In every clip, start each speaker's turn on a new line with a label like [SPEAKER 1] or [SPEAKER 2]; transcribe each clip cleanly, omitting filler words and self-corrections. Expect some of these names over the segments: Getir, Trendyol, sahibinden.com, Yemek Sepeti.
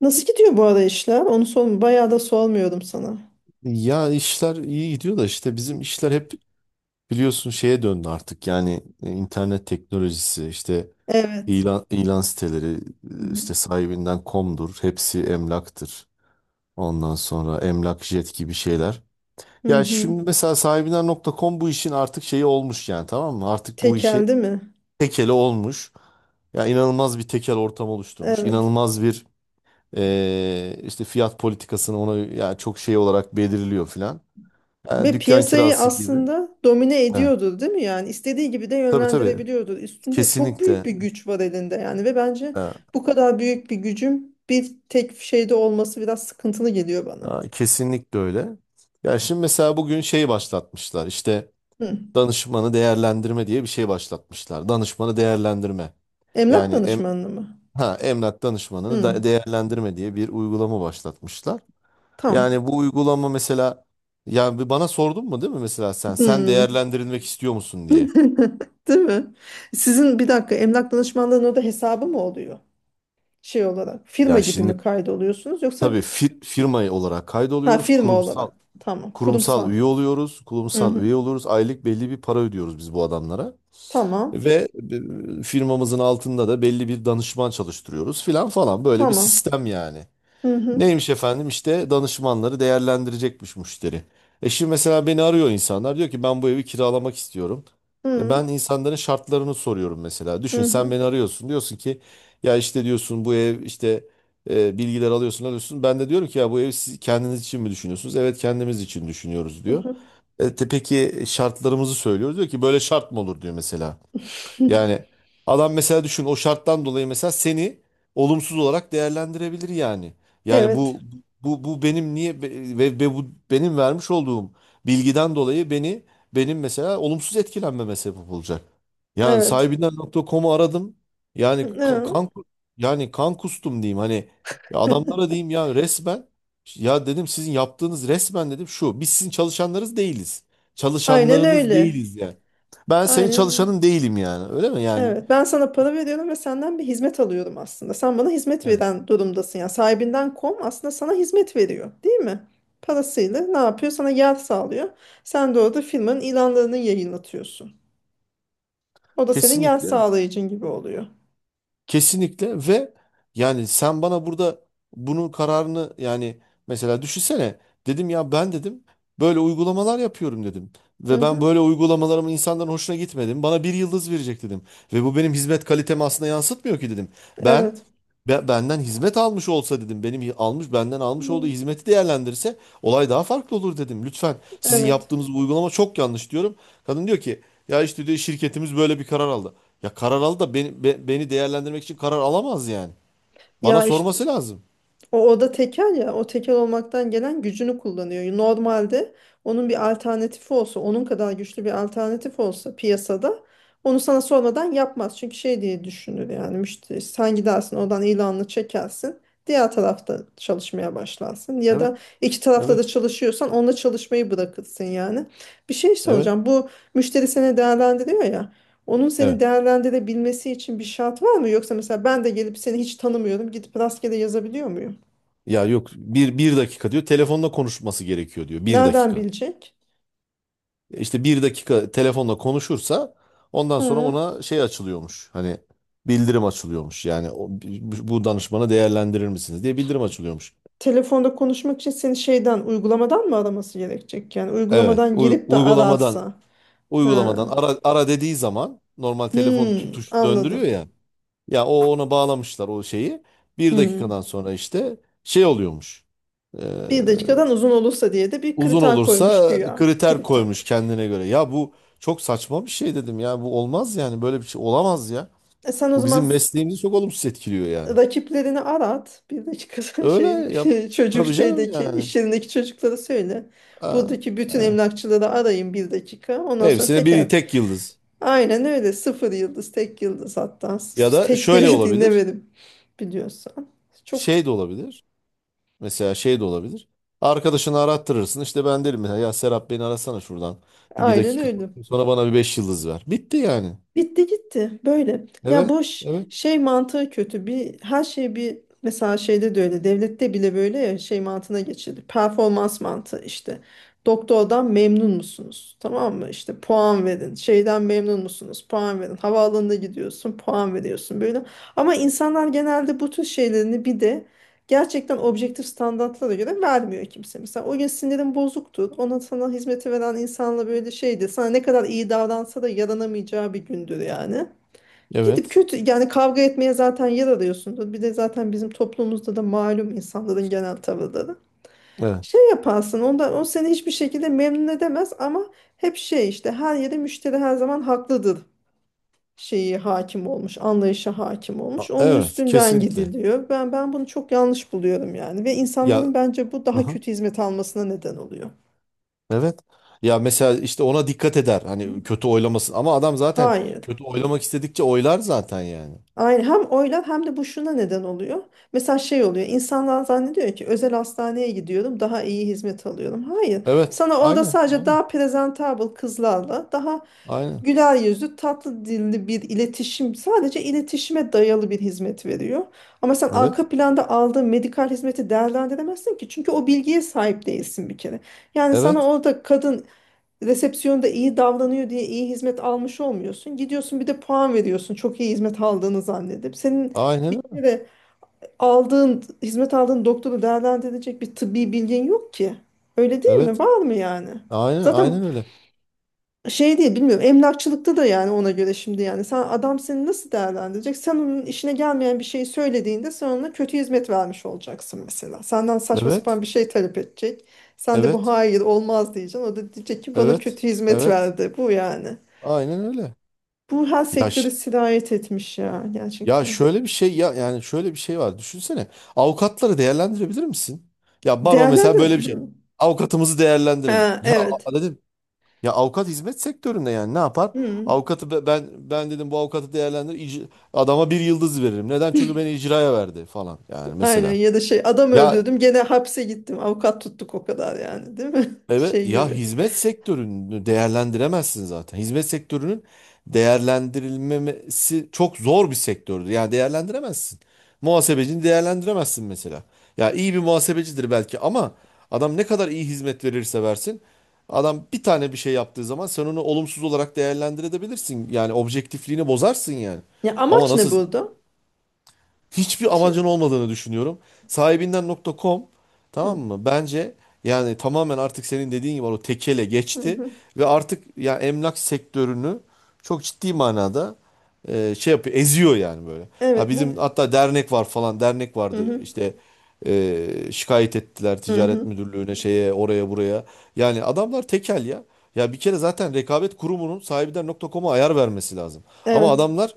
[SPEAKER 1] Nasıl gidiyor bu arada işler? Onu bayağı da sormuyordum sana.
[SPEAKER 2] Ya işler iyi gidiyor da işte bizim işler hep biliyorsun şeye döndü artık. Yani internet teknolojisi işte
[SPEAKER 1] Evet.
[SPEAKER 2] ilan siteleri
[SPEAKER 1] Hı hı.
[SPEAKER 2] işte sahibinden komdur. Hepsi emlaktır. Ondan sonra emlak jet gibi şeyler.
[SPEAKER 1] Hı
[SPEAKER 2] Ya
[SPEAKER 1] hı.
[SPEAKER 2] şimdi mesela sahibinden.com bu işin artık şeyi olmuş yani tamam mı? Artık bu işi
[SPEAKER 1] Tekeldi mi?
[SPEAKER 2] tekeli olmuş. Ya inanılmaz bir tekel ortam oluşturmuş.
[SPEAKER 1] Evet.
[SPEAKER 2] İnanılmaz bir işte fiyat politikasını ona ya çok şey olarak belirliyor filan. Yani
[SPEAKER 1] Ve
[SPEAKER 2] dükkan
[SPEAKER 1] piyasayı
[SPEAKER 2] kirası gibi.
[SPEAKER 1] aslında domine
[SPEAKER 2] Evet.
[SPEAKER 1] ediyordur, değil mi? Yani istediği gibi de
[SPEAKER 2] Tabii tabii.
[SPEAKER 1] yönlendirebiliyordur. Üstünde çok büyük
[SPEAKER 2] Kesinlikle.
[SPEAKER 1] bir güç var elinde yani ve bence
[SPEAKER 2] Ha,
[SPEAKER 1] bu kadar büyük bir gücün bir tek şeyde olması biraz sıkıntılı geliyor bana.
[SPEAKER 2] ha, kesinlikle öyle. Ya şimdi mesela bugün şey başlatmışlar. İşte
[SPEAKER 1] Hı.
[SPEAKER 2] danışmanı değerlendirme diye bir şey başlatmışlar. Danışmanı değerlendirme.
[SPEAKER 1] Emlak
[SPEAKER 2] Yani
[SPEAKER 1] danışmanlığı mı?
[SPEAKER 2] emlak danışmanını
[SPEAKER 1] Hı.
[SPEAKER 2] da değerlendirme diye bir uygulama başlatmışlar.
[SPEAKER 1] Tamam.
[SPEAKER 2] Yani bu uygulama mesela yani bir bana sordun mu değil mi mesela sen
[SPEAKER 1] Hı.
[SPEAKER 2] değerlendirilmek istiyor musun diye.
[SPEAKER 1] Değil mi? Sizin bir dakika emlak danışmanlığının orada hesabı mı oluyor? Şey olarak firma
[SPEAKER 2] Ya
[SPEAKER 1] gibi mi
[SPEAKER 2] şimdi
[SPEAKER 1] kaydoluyorsunuz yoksa
[SPEAKER 2] tabii firma olarak
[SPEAKER 1] ha
[SPEAKER 2] kaydoluyoruz.
[SPEAKER 1] firma
[SPEAKER 2] Kurumsal
[SPEAKER 1] olarak, tamam
[SPEAKER 2] kurumsal
[SPEAKER 1] kurumsal.
[SPEAKER 2] üye oluyoruz.
[SPEAKER 1] Hı
[SPEAKER 2] Kurumsal
[SPEAKER 1] hı.
[SPEAKER 2] üye oluyoruz. Aylık belli bir para ödüyoruz biz bu adamlara.
[SPEAKER 1] Tamam,
[SPEAKER 2] Ve firmamızın altında da belli bir danışman çalıştırıyoruz filan falan. Böyle bir
[SPEAKER 1] tamam.
[SPEAKER 2] sistem yani.
[SPEAKER 1] Hı hı.
[SPEAKER 2] Neymiş efendim işte danışmanları değerlendirecekmiş müşteri. E şimdi mesela beni arıyor insanlar diyor ki ben bu evi kiralamak istiyorum.
[SPEAKER 1] Hı
[SPEAKER 2] E ben
[SPEAKER 1] hı.
[SPEAKER 2] insanların şartlarını soruyorum mesela. Düşün
[SPEAKER 1] Hı
[SPEAKER 2] sen
[SPEAKER 1] hı.
[SPEAKER 2] beni arıyorsun diyorsun ki ya işte diyorsun bu ev işte bilgiler alıyorsun. Ben de diyorum ki ya bu evi siz kendiniz için mi düşünüyorsunuz? Evet kendimiz için düşünüyoruz diyor.
[SPEAKER 1] Hı.
[SPEAKER 2] Peki şartlarımızı söylüyoruz diyor ki böyle şart mı olur diyor mesela. Yani adam mesela düşün o şarttan dolayı mesela seni olumsuz olarak değerlendirebilir yani. Yani
[SPEAKER 1] Evet,
[SPEAKER 2] bu benim niye ve bu benim vermiş olduğum bilgiden dolayı benim mesela olumsuz etkilenmeme sebep olacak. Yani
[SPEAKER 1] evet.
[SPEAKER 2] sahibinden.com'u aradım. Yani
[SPEAKER 1] Hı.
[SPEAKER 2] kan yani kan kustum diyeyim hani ya adamlara diyeyim ya resmen ya dedim sizin yaptığınız resmen dedim şu biz sizin çalışanlarınız değiliz.
[SPEAKER 1] Aynen
[SPEAKER 2] Çalışanlarınız
[SPEAKER 1] öyle,
[SPEAKER 2] değiliz yani. Ben senin
[SPEAKER 1] aynen öyle.
[SPEAKER 2] çalışanın değilim yani. Öyle mi yani?
[SPEAKER 1] Evet, ben sana para veriyorum ve senden bir hizmet alıyorum, aslında sen bana hizmet
[SPEAKER 2] Evet.
[SPEAKER 1] veren durumdasın, yani sahibinden kom aslında sana hizmet veriyor değil mi? Parasıyla ne yapıyor, sana yer sağlıyor, sen de orada firmanın ilanlarını yayınlatıyorsun. O da senin yan
[SPEAKER 2] Kesinlikle.
[SPEAKER 1] sağlayıcın gibi oluyor.
[SPEAKER 2] Kesinlikle ve yani sen bana burada bunun kararını yani mesela düşünsene dedim ya ben dedim böyle uygulamalar yapıyorum dedim.
[SPEAKER 1] Hı
[SPEAKER 2] Ve ben
[SPEAKER 1] hı.
[SPEAKER 2] böyle uygulamalarımın insanların hoşuna gitmedim. Bana bir yıldız verecek dedim. Ve bu benim hizmet kalitemi aslında yansıtmıyor ki dedim. Ben
[SPEAKER 1] Evet.
[SPEAKER 2] benden hizmet almış olsa dedim. Benim hi- almış benden almış olduğu
[SPEAKER 1] Hmm.
[SPEAKER 2] hizmeti değerlendirse olay daha farklı olur dedim. Lütfen sizin
[SPEAKER 1] Evet.
[SPEAKER 2] yaptığınız bu uygulama çok yanlış diyorum. Kadın diyor ki ya işte diyor şirketimiz böyle bir karar aldı. Ya karar aldı da beni değerlendirmek için karar alamaz yani. Bana
[SPEAKER 1] Ya işte,
[SPEAKER 2] sorması lazım.
[SPEAKER 1] o oda tekel ya, o tekel olmaktan gelen gücünü kullanıyor. Normalde onun bir alternatifi olsa, onun kadar güçlü bir alternatif olsa piyasada, onu sana sormadan yapmaz. Çünkü şey diye düşünür yani müşteri, sen gidersin oradan ilanını çekersin, diğer tarafta çalışmaya başlarsın ya
[SPEAKER 2] Evet,
[SPEAKER 1] da iki tarafta da
[SPEAKER 2] evet,
[SPEAKER 1] çalışıyorsan onunla çalışmayı bırakırsın yani. Bir şey
[SPEAKER 2] evet,
[SPEAKER 1] soracağım, bu müşteri seni değerlendiriyor ya, onun seni
[SPEAKER 2] evet.
[SPEAKER 1] değerlendirebilmesi için bir şart var mı? Yoksa mesela ben de gelip seni hiç tanımıyorum, gidip rastgele yazabiliyor muyum?
[SPEAKER 2] Ya yok bir dakika diyor telefonla konuşması gerekiyor diyor bir
[SPEAKER 1] Nereden
[SPEAKER 2] dakika.
[SPEAKER 1] bilecek?
[SPEAKER 2] E İşte bir dakika telefonla konuşursa ondan sonra
[SPEAKER 1] Hı.
[SPEAKER 2] ona şey açılıyormuş. Hani bildirim açılıyormuş. Yani bu danışmanı değerlendirir misiniz diye bildirim açılıyormuş.
[SPEAKER 1] Telefonda konuşmak için seni şeyden, uygulamadan mı araması gerekecek? Yani
[SPEAKER 2] Evet,
[SPEAKER 1] uygulamadan
[SPEAKER 2] uy-
[SPEAKER 1] girip de
[SPEAKER 2] uygulamadan
[SPEAKER 1] ararsa. Ha.
[SPEAKER 2] Uygulamadan ara, ara dediği zaman normal telefon
[SPEAKER 1] Hmm,
[SPEAKER 2] tuş döndürüyor
[SPEAKER 1] anladım.
[SPEAKER 2] ya. Ya o ona bağlamışlar o şeyi. Bir dakikadan
[SPEAKER 1] Hmm.
[SPEAKER 2] sonra işte şey oluyormuş. Ee,
[SPEAKER 1] Bir dakikadan uzun olursa diye de bir
[SPEAKER 2] Uzun
[SPEAKER 1] kriter koymuş
[SPEAKER 2] olursa
[SPEAKER 1] güya.
[SPEAKER 2] kriter
[SPEAKER 1] Kriter.
[SPEAKER 2] koymuş kendine göre. Ya bu çok saçma bir şey dedim ya. Bu olmaz yani böyle bir şey olamaz ya.
[SPEAKER 1] E sen o
[SPEAKER 2] Bu
[SPEAKER 1] zaman
[SPEAKER 2] bizim mesleğimizi çok olumsuz etkiliyor yani.
[SPEAKER 1] rakiplerini arat. Bir dakikadan
[SPEAKER 2] Öyle
[SPEAKER 1] şey,
[SPEAKER 2] yap.
[SPEAKER 1] çocuk
[SPEAKER 2] Tabii canım
[SPEAKER 1] şeydeki,
[SPEAKER 2] yani.
[SPEAKER 1] iş yerindeki çocuklara söyle.
[SPEAKER 2] Aa,
[SPEAKER 1] Buradaki bütün
[SPEAKER 2] aa.
[SPEAKER 1] emlakçıları arayın bir dakika. Ondan sonra
[SPEAKER 2] Hepsine
[SPEAKER 1] teker.
[SPEAKER 2] bir tek yıldız.
[SPEAKER 1] Aynen öyle. Sıfır yıldız, tek yıldız hatta.
[SPEAKER 2] Ya da
[SPEAKER 1] Tek
[SPEAKER 2] şöyle
[SPEAKER 1] bile
[SPEAKER 2] olabilir.
[SPEAKER 1] dinlemedim biliyorsan. Çok
[SPEAKER 2] Şey de olabilir. Mesela şey de olabilir. Arkadaşını arattırırsın. İşte ben derim mesela ya Serap beni arasana şuradan. Bir
[SPEAKER 1] aynen
[SPEAKER 2] dakika.
[SPEAKER 1] öyle.
[SPEAKER 2] Sonra bana bir 5 yıldız ver. Bitti yani.
[SPEAKER 1] Bitti gitti böyle. Ya
[SPEAKER 2] Evet.
[SPEAKER 1] boş
[SPEAKER 2] Evet.
[SPEAKER 1] şey mantığı kötü. Bir her şey bir mesela şeyde de öyle. Devlette bile böyle ya şey mantığına geçildi. Performans mantığı işte. Doktordan memnun musunuz? Tamam mı? İşte puan verin. Şeyden memnun musunuz? Puan verin. Havaalanına gidiyorsun, puan veriyorsun böyle. Ama insanlar genelde bu tür şeylerini bir de gerçekten objektif standartlara göre vermiyor kimse. Mesela o gün sinirin bozuktur. Ona sana hizmeti veren insanla böyle şeydi. Sana ne kadar iyi davransa da yaranamayacağı bir gündür yani. Gidip
[SPEAKER 2] Evet.
[SPEAKER 1] kötü yani kavga etmeye zaten yer arıyorsundur. Bir de zaten bizim toplumumuzda da malum insanların genel tavırları.
[SPEAKER 2] Evet.
[SPEAKER 1] Şey yaparsın ondan, o seni hiçbir şekilde memnun edemez, ama hep şey işte, her yerde müşteri her zaman haklıdır şeyi hakim olmuş, anlayışa hakim olmuş. Onun
[SPEAKER 2] Evet.
[SPEAKER 1] üstünden
[SPEAKER 2] Kesinlikle.
[SPEAKER 1] gidiliyor. Ben bunu çok yanlış buluyorum yani ve
[SPEAKER 2] Ya
[SPEAKER 1] insanların bence bu daha
[SPEAKER 2] aha,
[SPEAKER 1] kötü hizmet almasına neden oluyor.
[SPEAKER 2] evet. Ya mesela işte ona dikkat eder. Hani kötü oylamasın. Ama adam zaten
[SPEAKER 1] Hayır.
[SPEAKER 2] kötü oylamak istedikçe oylar zaten yani.
[SPEAKER 1] Aynen, hem oylar hem de bu şuna neden oluyor. Mesela şey oluyor, insanlar zannediyor ki özel hastaneye gidiyorum daha iyi hizmet alıyorum. Hayır,
[SPEAKER 2] Evet.
[SPEAKER 1] sana orada
[SPEAKER 2] Aynen.
[SPEAKER 1] sadece
[SPEAKER 2] Aynen.
[SPEAKER 1] daha presentable kızlarla, daha
[SPEAKER 2] Aynen.
[SPEAKER 1] güler yüzlü tatlı dilli bir iletişim, sadece iletişime dayalı bir hizmet veriyor. Ama sen
[SPEAKER 2] Evet.
[SPEAKER 1] arka planda aldığın medikal hizmeti değerlendiremezsin ki, çünkü o bilgiye sahip değilsin bir kere. Yani sana
[SPEAKER 2] Evet.
[SPEAKER 1] orada kadın resepsiyonda iyi davranıyor diye iyi hizmet almış olmuyorsun. Gidiyorsun bir de puan veriyorsun. Çok iyi hizmet aldığını zannedip. Senin
[SPEAKER 2] Aynen
[SPEAKER 1] bir
[SPEAKER 2] öyle.
[SPEAKER 1] kere aldığın, hizmet aldığın doktoru değerlendirecek bir tıbbi bilgin yok ki. Öyle değil mi?
[SPEAKER 2] Evet.
[SPEAKER 1] Var mı yani?
[SPEAKER 2] Aynen.
[SPEAKER 1] Zaten
[SPEAKER 2] Aynen öyle.
[SPEAKER 1] şey değil bilmiyorum, emlakçılıkta da yani ona göre şimdi, yani sen, adam seni nasıl değerlendirecek, sen onun işine gelmeyen bir şeyi söylediğinde sen ona kötü hizmet vermiş olacaksın. Mesela senden saçma
[SPEAKER 2] Evet.
[SPEAKER 1] sapan bir şey talep edecek, sen de bu
[SPEAKER 2] Evet.
[SPEAKER 1] hayır olmaz diyeceksin, o da diyecek ki bana
[SPEAKER 2] Evet.
[SPEAKER 1] kötü hizmet
[SPEAKER 2] Evet.
[SPEAKER 1] verdi bu yani.
[SPEAKER 2] Aynen öyle.
[SPEAKER 1] Bu her
[SPEAKER 2] Ya
[SPEAKER 1] sektöre sirayet etmiş ya,
[SPEAKER 2] ya
[SPEAKER 1] gerçekten.
[SPEAKER 2] şöyle bir şey ya yani şöyle bir şey var. Düşünsene. Avukatları değerlendirebilir misin? Ya baro mesela böyle bir
[SPEAKER 1] Değerlendirin.
[SPEAKER 2] şey.
[SPEAKER 1] Hı.
[SPEAKER 2] Avukatımızı değerlendirin.
[SPEAKER 1] Ha,
[SPEAKER 2] Ya
[SPEAKER 1] evet.
[SPEAKER 2] dedim ya avukat hizmet sektöründe yani ne yapar?
[SPEAKER 1] Hı.
[SPEAKER 2] Avukatı ben dedim bu avukatı değerlendir adama bir yıldız veririm. Neden? Çünkü beni icraya verdi falan yani
[SPEAKER 1] Aynen,
[SPEAKER 2] mesela.
[SPEAKER 1] ya da şey, adam
[SPEAKER 2] Ya
[SPEAKER 1] öldürdüm gene hapse gittim avukat tuttuk o kadar yani değil mi
[SPEAKER 2] evet
[SPEAKER 1] şey
[SPEAKER 2] ya
[SPEAKER 1] gibi.
[SPEAKER 2] hizmet sektörünü değerlendiremezsin zaten. Hizmet sektörünün değerlendirilmemesi çok zor bir sektördür. Yani değerlendiremezsin. Muhasebecini değerlendiremezsin mesela. Ya iyi bir muhasebecidir belki ama adam ne kadar iyi hizmet verirse versin adam bir tane bir şey yaptığı zaman sen onu olumsuz olarak değerlendirebilirsin. Yani objektifliğini bozarsın yani.
[SPEAKER 1] Ya
[SPEAKER 2] Ama
[SPEAKER 1] amaç ne
[SPEAKER 2] nasıl
[SPEAKER 1] burada?
[SPEAKER 2] hiçbir amacın olmadığını düşünüyorum. Sahibinden.com tamam
[SPEAKER 1] Hı,
[SPEAKER 2] mı? Bence yani tamamen artık senin dediğin gibi o tekele
[SPEAKER 1] hı,
[SPEAKER 2] geçti
[SPEAKER 1] hı.
[SPEAKER 2] ve artık ya emlak sektörünü çok ciddi manada şey yapıyor, eziyor yani böyle. Ha
[SPEAKER 1] Evet
[SPEAKER 2] bizim
[SPEAKER 1] bu,
[SPEAKER 2] hatta dernek var falan, dernek
[SPEAKER 1] hı
[SPEAKER 2] vardı
[SPEAKER 1] hı,
[SPEAKER 2] işte e, şikayet ettiler
[SPEAKER 1] hı
[SPEAKER 2] ticaret
[SPEAKER 1] hı.
[SPEAKER 2] müdürlüğüne şeye oraya buraya. Yani adamlar tekel ya. Ya bir kere zaten rekabet kurumunun sahibinden.com'a ayar vermesi lazım. Ama
[SPEAKER 1] Evet,
[SPEAKER 2] adamlar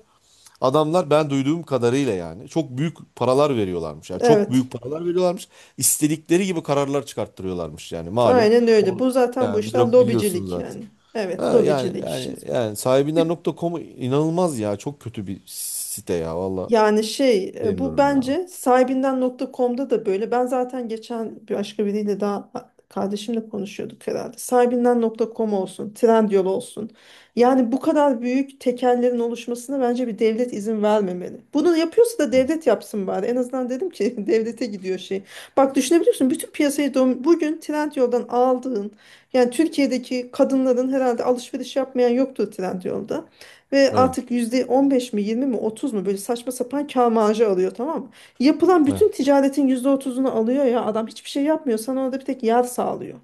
[SPEAKER 2] Adamlar ben duyduğum kadarıyla yani çok büyük paralar veriyorlarmış. Yani çok
[SPEAKER 1] evet,
[SPEAKER 2] büyük paralar veriyorlarmış. İstedikleri gibi kararlar çıkarttırıyorlarmış yani malum.
[SPEAKER 1] aynen öyle.
[SPEAKER 2] O
[SPEAKER 1] Bu zaten bu
[SPEAKER 2] yani
[SPEAKER 1] işler
[SPEAKER 2] biliyorsun
[SPEAKER 1] lobicilik
[SPEAKER 2] zaten.
[SPEAKER 1] yani, evet
[SPEAKER 2] Ha, yani
[SPEAKER 1] lobicilik işte.
[SPEAKER 2] yani yani sahibinden.com'u inanılmaz ya. Çok kötü bir site ya valla.
[SPEAKER 1] Yani şey e, bu
[SPEAKER 2] Demiyorum ya.
[SPEAKER 1] bence sahibinden.com'da da böyle. Ben zaten geçen bir başka biriyle daha, kardeşimle konuşuyorduk herhalde. Sahibinden.com olsun, Trendyol olsun. Yani bu kadar büyük tekellerin oluşmasına bence bir devlet izin vermemeli. Bunu yapıyorsa da
[SPEAKER 2] Hı.
[SPEAKER 1] devlet yapsın bari. En azından dedim ki, devlete gidiyor şey. Bak düşünebiliyorsun, bütün piyasayı bugün Trendyol'dan aldığın, yani Türkiye'deki kadınların herhalde alışveriş yapmayan yoktur Trendyol'da. Ve
[SPEAKER 2] Evet.
[SPEAKER 1] artık %15 mi, 20 mi, 30 mu, böyle saçma sapan kâr marjı alıyor tamam mı? Yapılan
[SPEAKER 2] Evet.
[SPEAKER 1] bütün ticaretin %30'unu alıyor ya, adam hiçbir şey yapmıyor, sana orada bir tek yar sağlıyor.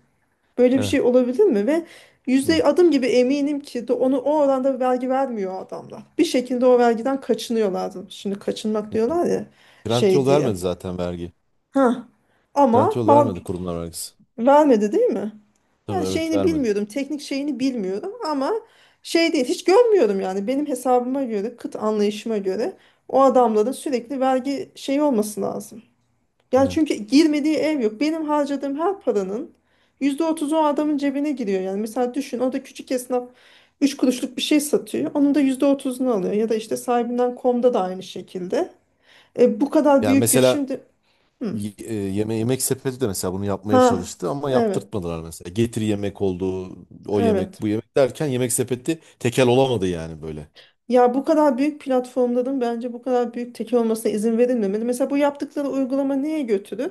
[SPEAKER 1] Böyle bir
[SPEAKER 2] Evet.
[SPEAKER 1] şey olabilir mi? Ve yüzde
[SPEAKER 2] Hı.
[SPEAKER 1] adım gibi eminim ki de onu o oranda vergi vermiyor adamlar. Bir şekilde o vergiden kaçınıyorlardı. Şimdi kaçınmak
[SPEAKER 2] Hı.
[SPEAKER 1] diyorlar ya şey
[SPEAKER 2] Trendyol
[SPEAKER 1] diye.
[SPEAKER 2] vermedi zaten vergi.
[SPEAKER 1] Ha. Ama
[SPEAKER 2] Trendyol
[SPEAKER 1] mal
[SPEAKER 2] vermedi kurumlar vergisi.
[SPEAKER 1] vermedi değil mi?
[SPEAKER 2] Tabii
[SPEAKER 1] Yani
[SPEAKER 2] evet
[SPEAKER 1] şeyini
[SPEAKER 2] vermedi.
[SPEAKER 1] bilmiyorum, teknik şeyini bilmiyorum, ama şey değil, hiç görmüyorum yani benim hesabıma göre, kıt anlayışıma göre o adamların sürekli vergi şeyi olması lazım. Yani
[SPEAKER 2] Evet.
[SPEAKER 1] çünkü girmediği ev yok. Benim harcadığım her paranın %30 o adamın cebine giriyor. Yani mesela düşün, o da küçük esnaf 3 kuruşluk bir şey satıyor. Onun da %30'unu alıyor. Ya da işte sahibinden komda da aynı şekilde. E, bu kadar
[SPEAKER 2] Yani
[SPEAKER 1] büyük güç
[SPEAKER 2] mesela
[SPEAKER 1] şimdi... Hı.
[SPEAKER 2] Yemek sepeti de mesela bunu yapmaya
[SPEAKER 1] Ha,
[SPEAKER 2] çalıştı ama
[SPEAKER 1] evet,
[SPEAKER 2] yaptırtmadılar mesela. Getir yemek oldu, o yemek,
[SPEAKER 1] evet.
[SPEAKER 2] bu yemek derken yemek sepeti tekel olamadı yani böyle.
[SPEAKER 1] Ya bu kadar büyük platformların bence bu kadar büyük tekel olmasına izin verilmemeli. Mesela bu yaptıkları uygulama neye götürür?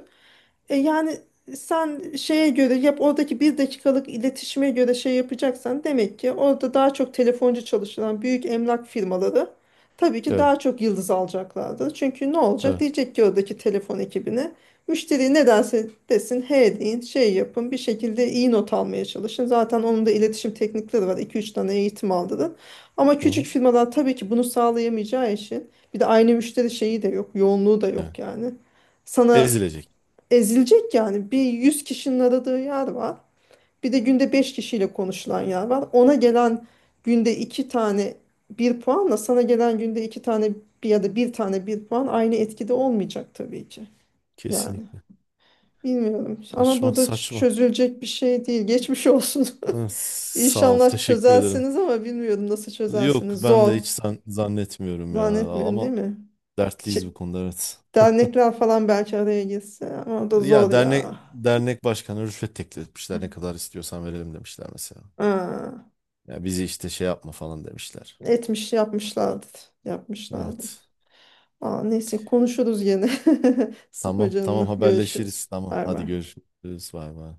[SPEAKER 1] E yani sen şeye göre yap, oradaki bir dakikalık iletişime göre şey yapacaksan, demek ki orada daha çok telefoncu çalışılan büyük emlak firmaları tabii ki
[SPEAKER 2] Evet,
[SPEAKER 1] daha çok yıldız alacaklardır. Çünkü ne olacak?
[SPEAKER 2] evet.
[SPEAKER 1] Diyecek ki oradaki telefon ekibine, müşteri ne derse desin he deyin, şey yapın, bir şekilde iyi not almaya çalışın. Zaten onun da iletişim teknikleri var, iki üç tane eğitim aldı. Ama
[SPEAKER 2] Hı
[SPEAKER 1] küçük
[SPEAKER 2] hı,
[SPEAKER 1] firmalar tabii ki bunu sağlayamayacağı için, bir de aynı müşteri şeyi de yok, yoğunluğu da
[SPEAKER 2] evet.
[SPEAKER 1] yok yani. Sana,
[SPEAKER 2] Ezilecek.
[SPEAKER 1] ezilecek yani. Bir 100 kişinin aradığı yer var. Bir de günde 5 kişiyle konuşulan yer var. Ona gelen günde 2 tane bir puanla, sana gelen günde 2 tane bir ya da bir tane bir puan aynı etkide olmayacak tabii ki. Yani
[SPEAKER 2] Kesinlikle.
[SPEAKER 1] bilmiyorum ama
[SPEAKER 2] Saçma,
[SPEAKER 1] bu da
[SPEAKER 2] saçma.
[SPEAKER 1] çözülecek bir şey değil. Geçmiş olsun.
[SPEAKER 2] Hı, sağ ol,
[SPEAKER 1] İnşallah
[SPEAKER 2] teşekkür ederim.
[SPEAKER 1] çözersiniz ama bilmiyorum nasıl
[SPEAKER 2] Yok,
[SPEAKER 1] çözersiniz.
[SPEAKER 2] ben
[SPEAKER 1] Zor.
[SPEAKER 2] de hiç zannetmiyorum ya
[SPEAKER 1] Zannetmiyorum değil
[SPEAKER 2] ama
[SPEAKER 1] mi?
[SPEAKER 2] dertliyiz bu
[SPEAKER 1] Şey-
[SPEAKER 2] konuda evet.
[SPEAKER 1] Dernekler falan belki araya girse ama o da zor
[SPEAKER 2] Ya dernek
[SPEAKER 1] ya.
[SPEAKER 2] dernek başkanı rüşvet teklif etmişler. Ne kadar istiyorsan verelim demişler mesela.
[SPEAKER 1] Ha.
[SPEAKER 2] Ya bizi işte şey yapma falan demişler.
[SPEAKER 1] Etmiş yapmışlardı. Yapmışlardı.
[SPEAKER 2] Evet.
[SPEAKER 1] Aa, neyse konuşuruz yine. Sıkma
[SPEAKER 2] Tamam
[SPEAKER 1] canını.
[SPEAKER 2] tamam haberleşiriz.
[SPEAKER 1] Görüşürüz.
[SPEAKER 2] Tamam
[SPEAKER 1] Bay
[SPEAKER 2] hadi
[SPEAKER 1] bay.
[SPEAKER 2] görüşürüz. Bay bay.